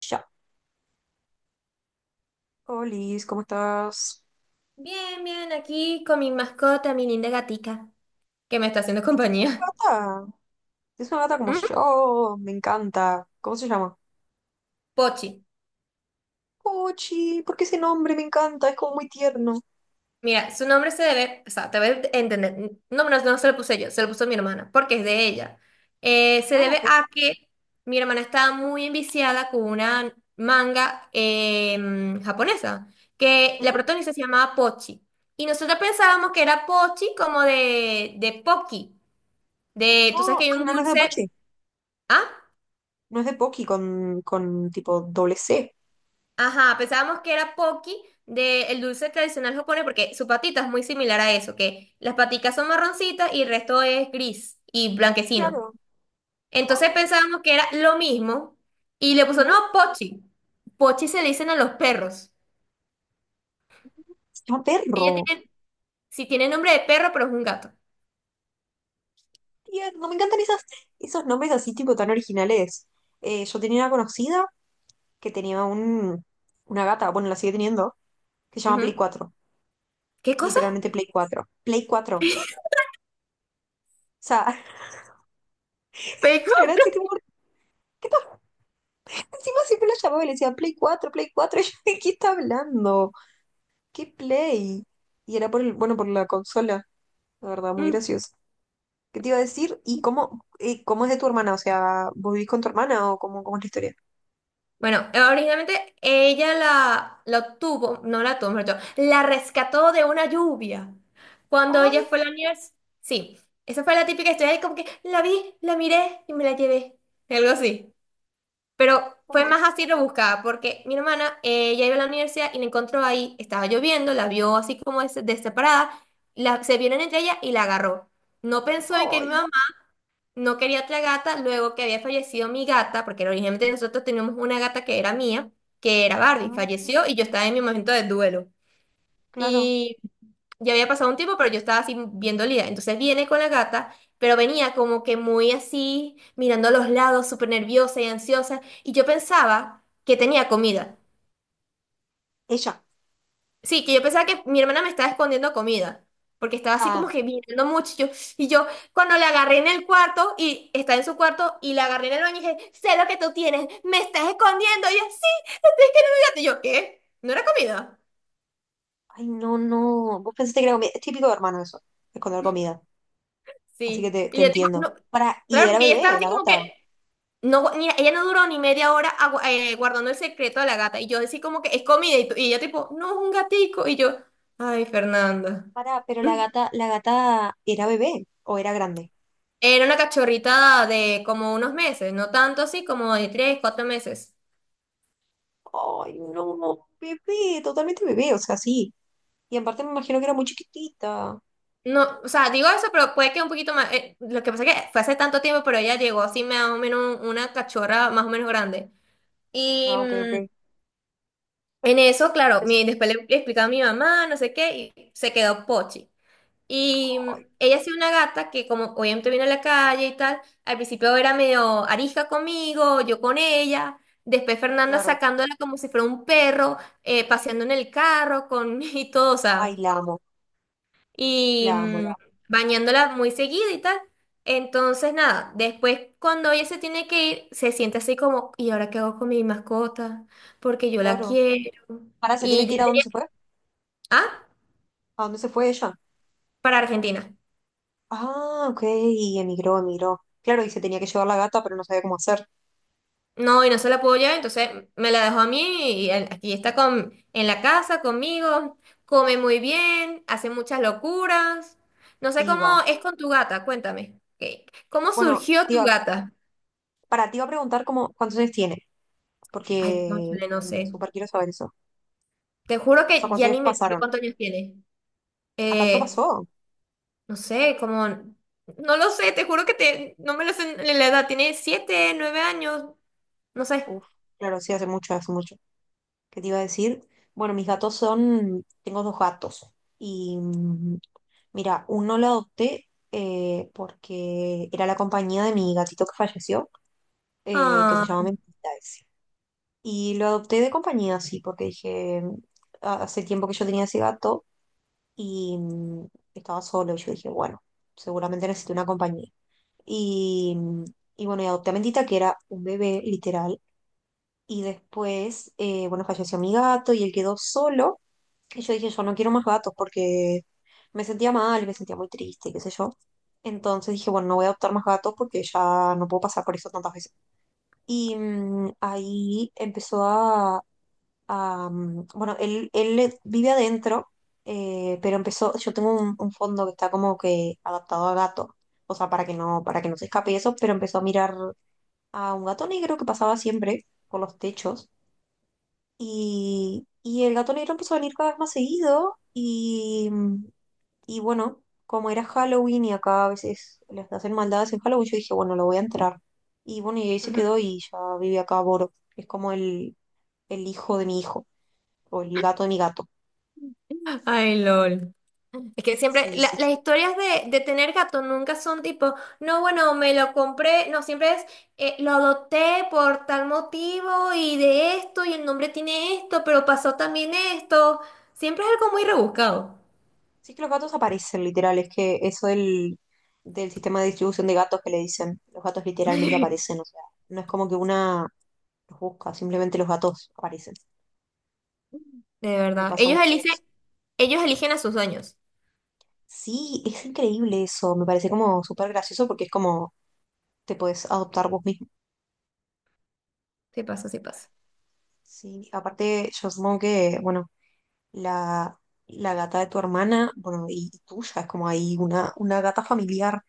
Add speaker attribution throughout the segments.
Speaker 1: Ya. Olis, ¿cómo estás?
Speaker 2: Bien, bien, aquí con mi mascota, mi linda gatica, que me está haciendo
Speaker 1: Ay, ¿tienes
Speaker 2: compañía.
Speaker 1: una gata? Tienes una gata como
Speaker 2: ¿Mm?
Speaker 1: yo, me encanta. ¿Cómo se llama?
Speaker 2: Pochi.
Speaker 1: Pochi, ¿por qué ese nombre? Me encanta, es como muy tierno.
Speaker 2: Mira, su nombre se debe, o sea, te voy entender. No, no, no se lo puse yo, se lo puso mi hermana, porque es de ella. Se
Speaker 1: Ah,
Speaker 2: debe
Speaker 1: ok.
Speaker 2: a que mi hermana estaba muy enviciada con una manga japonesa, que la
Speaker 1: Ujú.
Speaker 2: protagonista se llamaba Pochi. Y nosotros pensábamos que
Speaker 1: Pochi.
Speaker 2: era Pochi como de Pocky, de, tú sabes que
Speaker 1: Oh,
Speaker 2: hay
Speaker 1: ah,
Speaker 2: un
Speaker 1: no, no es de
Speaker 2: dulce,
Speaker 1: Pochi,
Speaker 2: ¿ah?
Speaker 1: no es de Poki con tipo doble C.
Speaker 2: Ajá, pensábamos que era Pocky del dulce tradicional japonés porque su patita es muy similar a eso, que las paticas son marroncitas y el resto es gris y blanquecino.
Speaker 1: Claro. Oh,
Speaker 2: Entonces pensábamos que era lo mismo y le puso, no,
Speaker 1: ujú.
Speaker 2: Pochi. Pochi se le dicen a los perros.
Speaker 1: Se llama
Speaker 2: Ella
Speaker 1: perro.
Speaker 2: tiene, sí tiene nombre de perro, pero es un gato.
Speaker 1: Tierno, me encantan esos nombres así tipo tan originales. Yo tenía una conocida que tenía una gata, bueno, la sigue teniendo, que se llama Play
Speaker 2: Ujú.
Speaker 1: 4.
Speaker 2: ¿Qué cosa?
Speaker 1: Literalmente Play 4. Play 4. Sea, era
Speaker 2: Pecoso.
Speaker 1: así tipo, ¿qué por encima siempre la llamaba y le decía Play 4 Play cuatro? Y yo, ¿de qué está hablando? ¿Qué Play? Y era por el, bueno, por la consola, la verdad, muy gracioso. ¿Qué te iba a decir? Y cómo es de tu hermana? O sea, ¿vos vivís con tu hermana o cómo, cómo es la historia?
Speaker 2: Bueno, originalmente ella la obtuvo, no la obtuvo, mejor dicho, la rescató de una lluvia. Cuando ella
Speaker 1: Ay,
Speaker 2: fue a la universidad. Sí, esa fue la típica historia de como que la vi, la miré y me la llevé. Algo así. Pero fue
Speaker 1: ay,
Speaker 2: más así rebuscada, porque mi hermana, ella iba a la universidad y la encontró ahí, estaba lloviendo, la vio así como deseparada, se vieron entre ella y la agarró. No pensó en que mi
Speaker 1: ay.
Speaker 2: mamá no quería otra gata, luego que había fallecido mi gata, porque originalmente nosotros teníamos una gata que era mía, que era Barbie,
Speaker 1: Ah,
Speaker 2: falleció y yo estaba en mi momento de duelo.
Speaker 1: claro.
Speaker 2: Y ya había pasado un tiempo, pero yo estaba así bien dolida. Entonces viene con la gata, pero venía como que muy así, mirando a los lados, súper nerviosa y ansiosa. Y yo pensaba que tenía comida.
Speaker 1: Ella.
Speaker 2: Sí, que yo pensaba que mi hermana me estaba escondiendo comida, porque estaba así como
Speaker 1: Ah,
Speaker 2: que mirando mucho. Y yo, cuando la agarré en el cuarto, y está en su cuarto, y la agarré en el baño y dije, sé lo que tú tienes, me estás escondiendo. Y ella, sí, es que no me digas". Y yo, ¿qué? ¿No era comida?
Speaker 1: ay, no, no. Vos pensaste que era comida. Es típico de hermano eso, esconder comida. Así que
Speaker 2: Sí. Y
Speaker 1: te
Speaker 2: yo, tipo,
Speaker 1: entiendo.
Speaker 2: no.
Speaker 1: Para, y
Speaker 2: Claro,
Speaker 1: era
Speaker 2: porque ella estaba
Speaker 1: bebé,
Speaker 2: así
Speaker 1: la
Speaker 2: como
Speaker 1: gata.
Speaker 2: que, no, ella no duró ni media hora guardando el secreto de la gata. Y yo, así como que, es comida. Y ella, tipo, no, es un gatico. Y yo, ay, Fernanda.
Speaker 1: Pará, pero la gata era bebé o era grande.
Speaker 2: Era una cachorrita de como unos meses, no tanto así, como de 3, 4 meses.
Speaker 1: Ay, no, no, bebé, totalmente bebé, o sea, sí. Y en parte me imagino que era muy chiquitita.
Speaker 2: No, o sea, digo eso, pero puede que un poquito más. Lo que pasa es que fue hace tanto tiempo, pero ella llegó así más o menos una cachorra más o menos grande. Y
Speaker 1: Ah, ok, ok.
Speaker 2: en eso, claro,
Speaker 1: Es-
Speaker 2: mi, después le, le explicaba a mi mamá, no sé qué, y se quedó Pochi. Y
Speaker 1: Ay,
Speaker 2: ella ha sido una gata que como obviamente viene a la calle y tal, al principio era medio arisca conmigo, yo con ella, después Fernanda
Speaker 1: claro.
Speaker 2: sacándola como si fuera un perro, paseando en el carro con y todo, o
Speaker 1: Ay,
Speaker 2: sea,
Speaker 1: la amo,
Speaker 2: y
Speaker 1: la amo, la amo.
Speaker 2: bañándola muy seguido y tal. Entonces, nada, después cuando ella se tiene que ir, se siente así como, ¿y ahora qué hago con mi mascota? Porque yo la
Speaker 1: Claro.
Speaker 2: quiero.
Speaker 1: Pará, ¿se tiene
Speaker 2: Y
Speaker 1: que ir
Speaker 2: ya
Speaker 1: a dónde
Speaker 2: tenía...
Speaker 1: se fue?
Speaker 2: Ah,
Speaker 1: ¿A dónde se fue ella?
Speaker 2: para Argentina.
Speaker 1: Ah, ok, y emigró, emigró. Claro, y se tenía que llevar la gata, pero no sabía cómo hacer.
Speaker 2: No, y no se la puedo llevar, entonces me la dejó a mí aquí está con, en la casa conmigo, come muy bien, hace muchas locuras. No sé cómo
Speaker 1: Diva.
Speaker 2: es con tu gata, cuéntame. ¿Cómo
Speaker 1: Bueno,
Speaker 2: surgió tu
Speaker 1: diva,
Speaker 2: gata?
Speaker 1: para, te iba a preguntar cómo, cuántos años tiene,
Speaker 2: Ay,
Speaker 1: porque
Speaker 2: cónchale, no sé.
Speaker 1: súper quiero saber eso.
Speaker 2: Te juro
Speaker 1: O sea,
Speaker 2: que
Speaker 1: cuántos
Speaker 2: ya
Speaker 1: años
Speaker 2: ni me acuerdo
Speaker 1: pasaron.
Speaker 2: cuántos años tiene.
Speaker 1: ¿A tanto
Speaker 2: Eh,
Speaker 1: pasó?
Speaker 2: no sé, como... No lo sé, te juro que te, no me lo sé en la edad. Tiene 7, 9 años, no sé.
Speaker 1: Uf, claro, sí, hace mucho, hace mucho. ¿Qué te iba a decir? Bueno, mis gatos son, tengo dos gatos. Y mira, uno lo adopté porque era la compañía de mi gatito que falleció, que se
Speaker 2: Ah,
Speaker 1: llama Mentita ese. Y lo adopté de compañía, sí, porque dije, "Ah, hace tiempo que yo tenía ese gato y estaba solo". Y yo dije, bueno, seguramente necesito una compañía. Y, y bueno, y adopté a Mentita, que era un bebé, literal. Y después, bueno, falleció mi gato y él quedó solo. Y yo dije, yo no quiero más gatos porque me sentía mal, me sentía muy triste, qué sé yo. Entonces dije, bueno, no voy a adoptar más gatos porque ya no puedo pasar por eso tantas veces. Y ahí empezó a, bueno, él le- vive adentro, pero empezó, yo tengo un fondo que está como que adaptado a gato, o sea, para que no se escape eso, pero empezó a mirar a un gato negro que pasaba siempre por los techos y el gato negro empezó a venir cada vez más seguido y bueno, como era Halloween y acá a veces les hacen maldades en Halloween, yo dije, bueno, lo voy a entrar. Y bueno, y ahí se quedó y ya vive acá Boro, que es como el hijo de mi hijo, o el gato de mi gato.
Speaker 2: ay, LOL. Es que siempre,
Speaker 1: Sí, sí,
Speaker 2: las
Speaker 1: sí.
Speaker 2: historias de tener gato nunca son tipo, no, bueno, me lo compré, no, siempre es, lo adopté por tal motivo y de esto y el nombre tiene esto, pero pasó también esto. Siempre es algo muy rebuscado.
Speaker 1: Sí, es que los gatos aparecen, literal, es que eso del sistema de distribución de gatos que le dicen, los gatos literalmente aparecen, o sea, no es como que una los busca, simplemente los gatos aparecen.
Speaker 2: De
Speaker 1: Me
Speaker 2: verdad.
Speaker 1: pasa mucho eso.
Speaker 2: Ellos eligen a sus dueños.
Speaker 1: Sí, es increíble eso, me parece como súper gracioso porque es como te puedes adoptar vos mismo.
Speaker 2: Sí pasa, sí pasa.
Speaker 1: Sí, aparte yo supongo que, bueno, la, la gata de tu hermana, bueno, y tuya, es como ahí una gata familiar,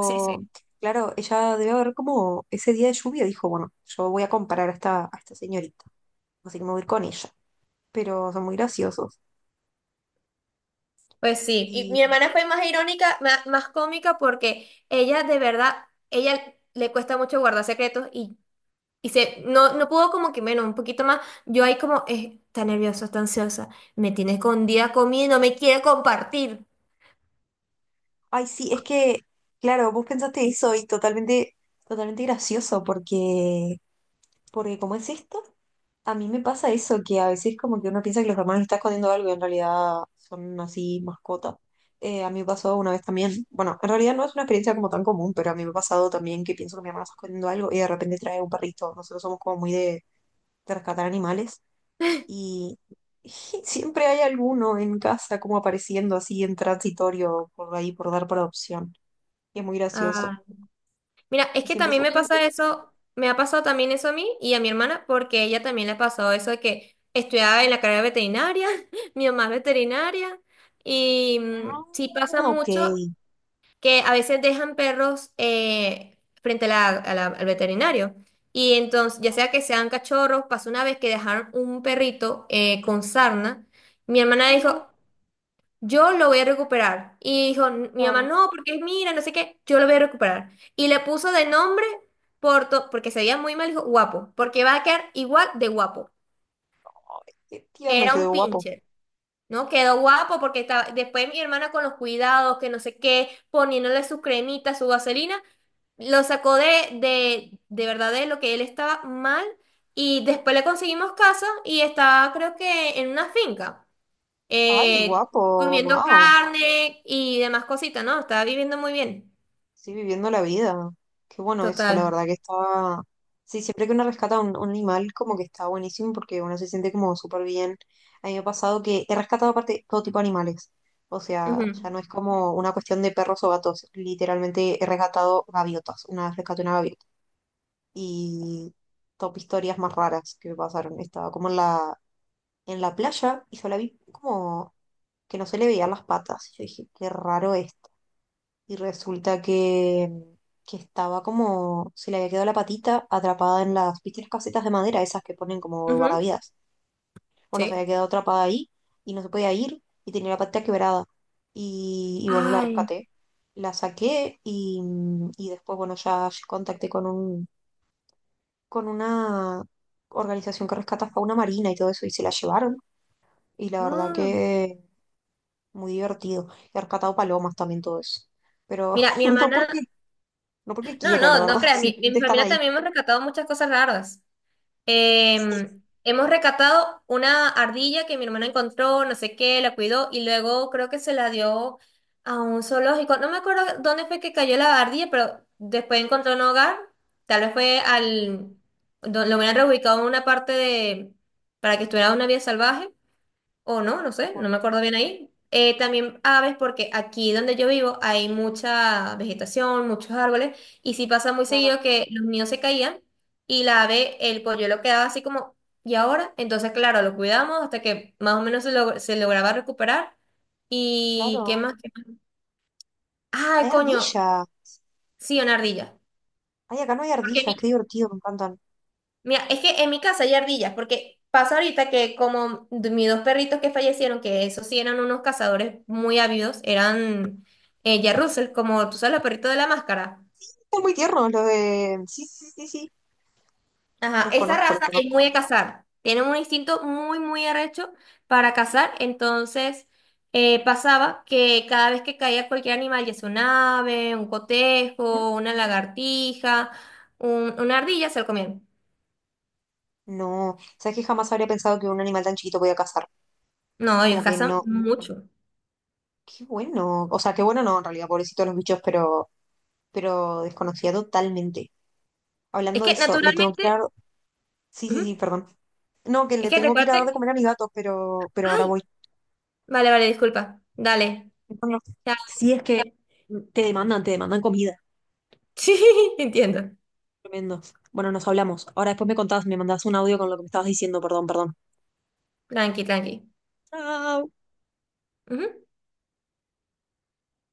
Speaker 2: Sí, sí.
Speaker 1: claro, ella debe haber como ese día de lluvia dijo, bueno, yo voy a comparar a esta señorita, así que me voy a ir con ella, pero son muy graciosos.
Speaker 2: Pues sí. Y mi
Speaker 1: Y,
Speaker 2: hermana fue más irónica, más, cómica porque ella de verdad, ella le cuesta mucho guardar secretos y no, no puedo como que menos, un poquito más. Yo ahí como, está nerviosa, está ansiosa. Me tiene escondida comida, y no me quiere compartir.
Speaker 1: ay, sí, es que, claro, vos pensaste eso y totalmente, totalmente gracioso porque... Porque como es esto, a mí me pasa eso, que a veces como que uno piensa que los hermanos están escondiendo algo y en realidad son así mascotas. A mí me pasó una vez también, bueno, en realidad no es una experiencia como tan común, pero a mí me ha pasado también que pienso que mi hermano está escondiendo algo y de repente trae un perrito. Nosotros somos como muy de rescatar animales y siempre hay alguno en casa como apareciendo así en transitorio por ahí, por dar por adopción. Y es muy gracioso.
Speaker 2: Ah, mira, es
Speaker 1: Y
Speaker 2: que
Speaker 1: siempre
Speaker 2: también
Speaker 1: son
Speaker 2: me pasa
Speaker 1: bebés.
Speaker 2: eso, me ha pasado también eso a mí y a mi hermana, porque ella también le ha pasado eso de que estudiaba en la carrera veterinaria, mi mamá es veterinaria, y sí pasa
Speaker 1: Ah, ok.
Speaker 2: mucho
Speaker 1: Ay,
Speaker 2: que a veces dejan perros frente a al veterinario. Y entonces, ya sea que sean cachorros, pasó una vez que dejaron un perrito con sarna. Mi hermana
Speaker 1: no,
Speaker 2: dijo, yo lo voy a recuperar. Y dijo, "N- mi mamá,
Speaker 1: claro.
Speaker 2: no, porque mira, no sé qué, yo lo voy a recuperar. Y le puso de nombre, Porto, porque se veía muy mal, dijo, guapo, porque va a quedar igual de guapo.
Speaker 1: Qué tierno,
Speaker 2: Era un
Speaker 1: quedó guapo.
Speaker 2: pincher. No, quedó guapo porque estaba, después mi hermana con los cuidados, que no sé qué, poniéndole su cremita, su vaselina, lo sacó de, de verdad de lo que él estaba mal y después le conseguimos casa y estaba creo que en una finca,
Speaker 1: Ay,
Speaker 2: eh,
Speaker 1: guapo,
Speaker 2: comiendo
Speaker 1: wow.
Speaker 2: carne y demás cositas, ¿no? Estaba viviendo muy bien.
Speaker 1: Sí, viviendo la vida. Qué bueno eso, la
Speaker 2: Total.
Speaker 1: verdad que está... Sí, siempre que uno rescata un animal, como que está buenísimo porque uno se siente como súper bien. A mí me ha pasado que he rescatado aparte todo tipo de animales. O sea, ya
Speaker 2: Ujú,
Speaker 1: no es como una cuestión de perros o gatos. Literalmente he rescatado gaviotas. Una vez rescaté una gaviota. Y top historias más raras que me pasaron. Estaba como en en la playa y yo la vi como que no se le veían las patas. Yo dije, qué raro esto. Y resulta que estaba como, se le había quedado la patita atrapada en las, ¿viste las casetas de madera, esas que ponen como de
Speaker 2: ujú.
Speaker 1: guardavidas? Bueno, se
Speaker 2: Sí.
Speaker 1: había quedado atrapada ahí y no se podía ir y tenía la patita quebrada. Y bueno, la
Speaker 2: Ay.
Speaker 1: rescaté. La saqué y después, bueno, ya contacté con un, con una organización que rescata fauna marina y todo eso y se la llevaron. Y la verdad
Speaker 2: Ah.
Speaker 1: que muy divertido. He rescatado palomas también todo eso. Pero
Speaker 2: Mira, mi
Speaker 1: no porque,
Speaker 2: hermana,
Speaker 1: no porque
Speaker 2: no,
Speaker 1: quiera, la
Speaker 2: no,
Speaker 1: verdad,
Speaker 2: no creas, mi
Speaker 1: simplemente están
Speaker 2: familia
Speaker 1: ahí.
Speaker 2: también hemos rescatado muchas cosas raras. Hemos recatado una ardilla que mi hermana encontró, no sé qué, la cuidó y luego creo que se la dio a un zoológico. No me acuerdo dónde fue que cayó la ardilla, pero después encontró un hogar. Tal vez fue al... Lo hubieran reubicado en una parte de... para que estuviera en una vida salvaje o no, no sé,
Speaker 1: Guau,
Speaker 2: no me acuerdo bien ahí. También aves, porque aquí donde yo vivo hay mucha vegetación, muchos árboles, y sí pasa muy
Speaker 1: claro,
Speaker 2: seguido que los nidos se caían y la ave, el polluelo quedaba así como, ¿y ahora? Entonces, claro, lo cuidamos hasta que más o menos se lograba recuperar. ¿Y qué
Speaker 1: claro.
Speaker 2: más? ¿Qué más? Ay,
Speaker 1: Hay
Speaker 2: coño,
Speaker 1: ardilla.
Speaker 2: sí, una ardilla.
Speaker 1: Ay, acá no hay
Speaker 2: Porque
Speaker 1: ardillas, qué divertido, me encantan.
Speaker 2: mira, es que en mi casa hay ardillas, porque pasa ahorita que como de mis dos perritos que fallecieron, que esos sí eran unos cazadores muy ávidos, eran Jack Russell, como tú sabes, los perritos de la máscara.
Speaker 1: Están muy tiernos los de... Sí, sí, sí, sí,
Speaker 2: Ajá,
Speaker 1: los
Speaker 2: esa
Speaker 1: conozco, los
Speaker 2: raza es
Speaker 1: conozco.
Speaker 2: muy de cazar. Tienen un instinto muy, muy arrecho para cazar. Entonces, pasaba que cada vez que caía cualquier animal, ya sea un ave, un
Speaker 1: ¿Mm?
Speaker 2: cotejo, una lagartija, una ardilla, se lo comían.
Speaker 1: No, sabes que jamás habría pensado que un animal tan chiquito podía cazar.
Speaker 2: No, ellos
Speaker 1: Como que
Speaker 2: cazan
Speaker 1: no, no,
Speaker 2: mucho.
Speaker 1: qué bueno. O sea, qué bueno no, en realidad, pobrecitos los bichos, pero desconocía totalmente.
Speaker 2: Es
Speaker 1: Hablando de
Speaker 2: que
Speaker 1: eso, le tengo que dar...
Speaker 2: naturalmente...
Speaker 1: Sí, sí,
Speaker 2: ujú.
Speaker 1: sí, perdón. No, que
Speaker 2: Es
Speaker 1: le
Speaker 2: que
Speaker 1: tengo que ir a dar de
Speaker 2: recuerde.
Speaker 1: comer a mis gatos, pero ahora
Speaker 2: Ay,
Speaker 1: voy.
Speaker 2: vale, vale, disculpa. Dale.
Speaker 1: Bueno,
Speaker 2: Ya.
Speaker 1: sí, es que te demandan comida.
Speaker 2: Sí, entiendo.
Speaker 1: Tremendo. Bueno, nos hablamos. Ahora después me contás, me mandás un audio con lo que me estabas diciendo, perdón, perdón.
Speaker 2: Tranqui, tranqui.
Speaker 1: Chao.
Speaker 2: Ujú.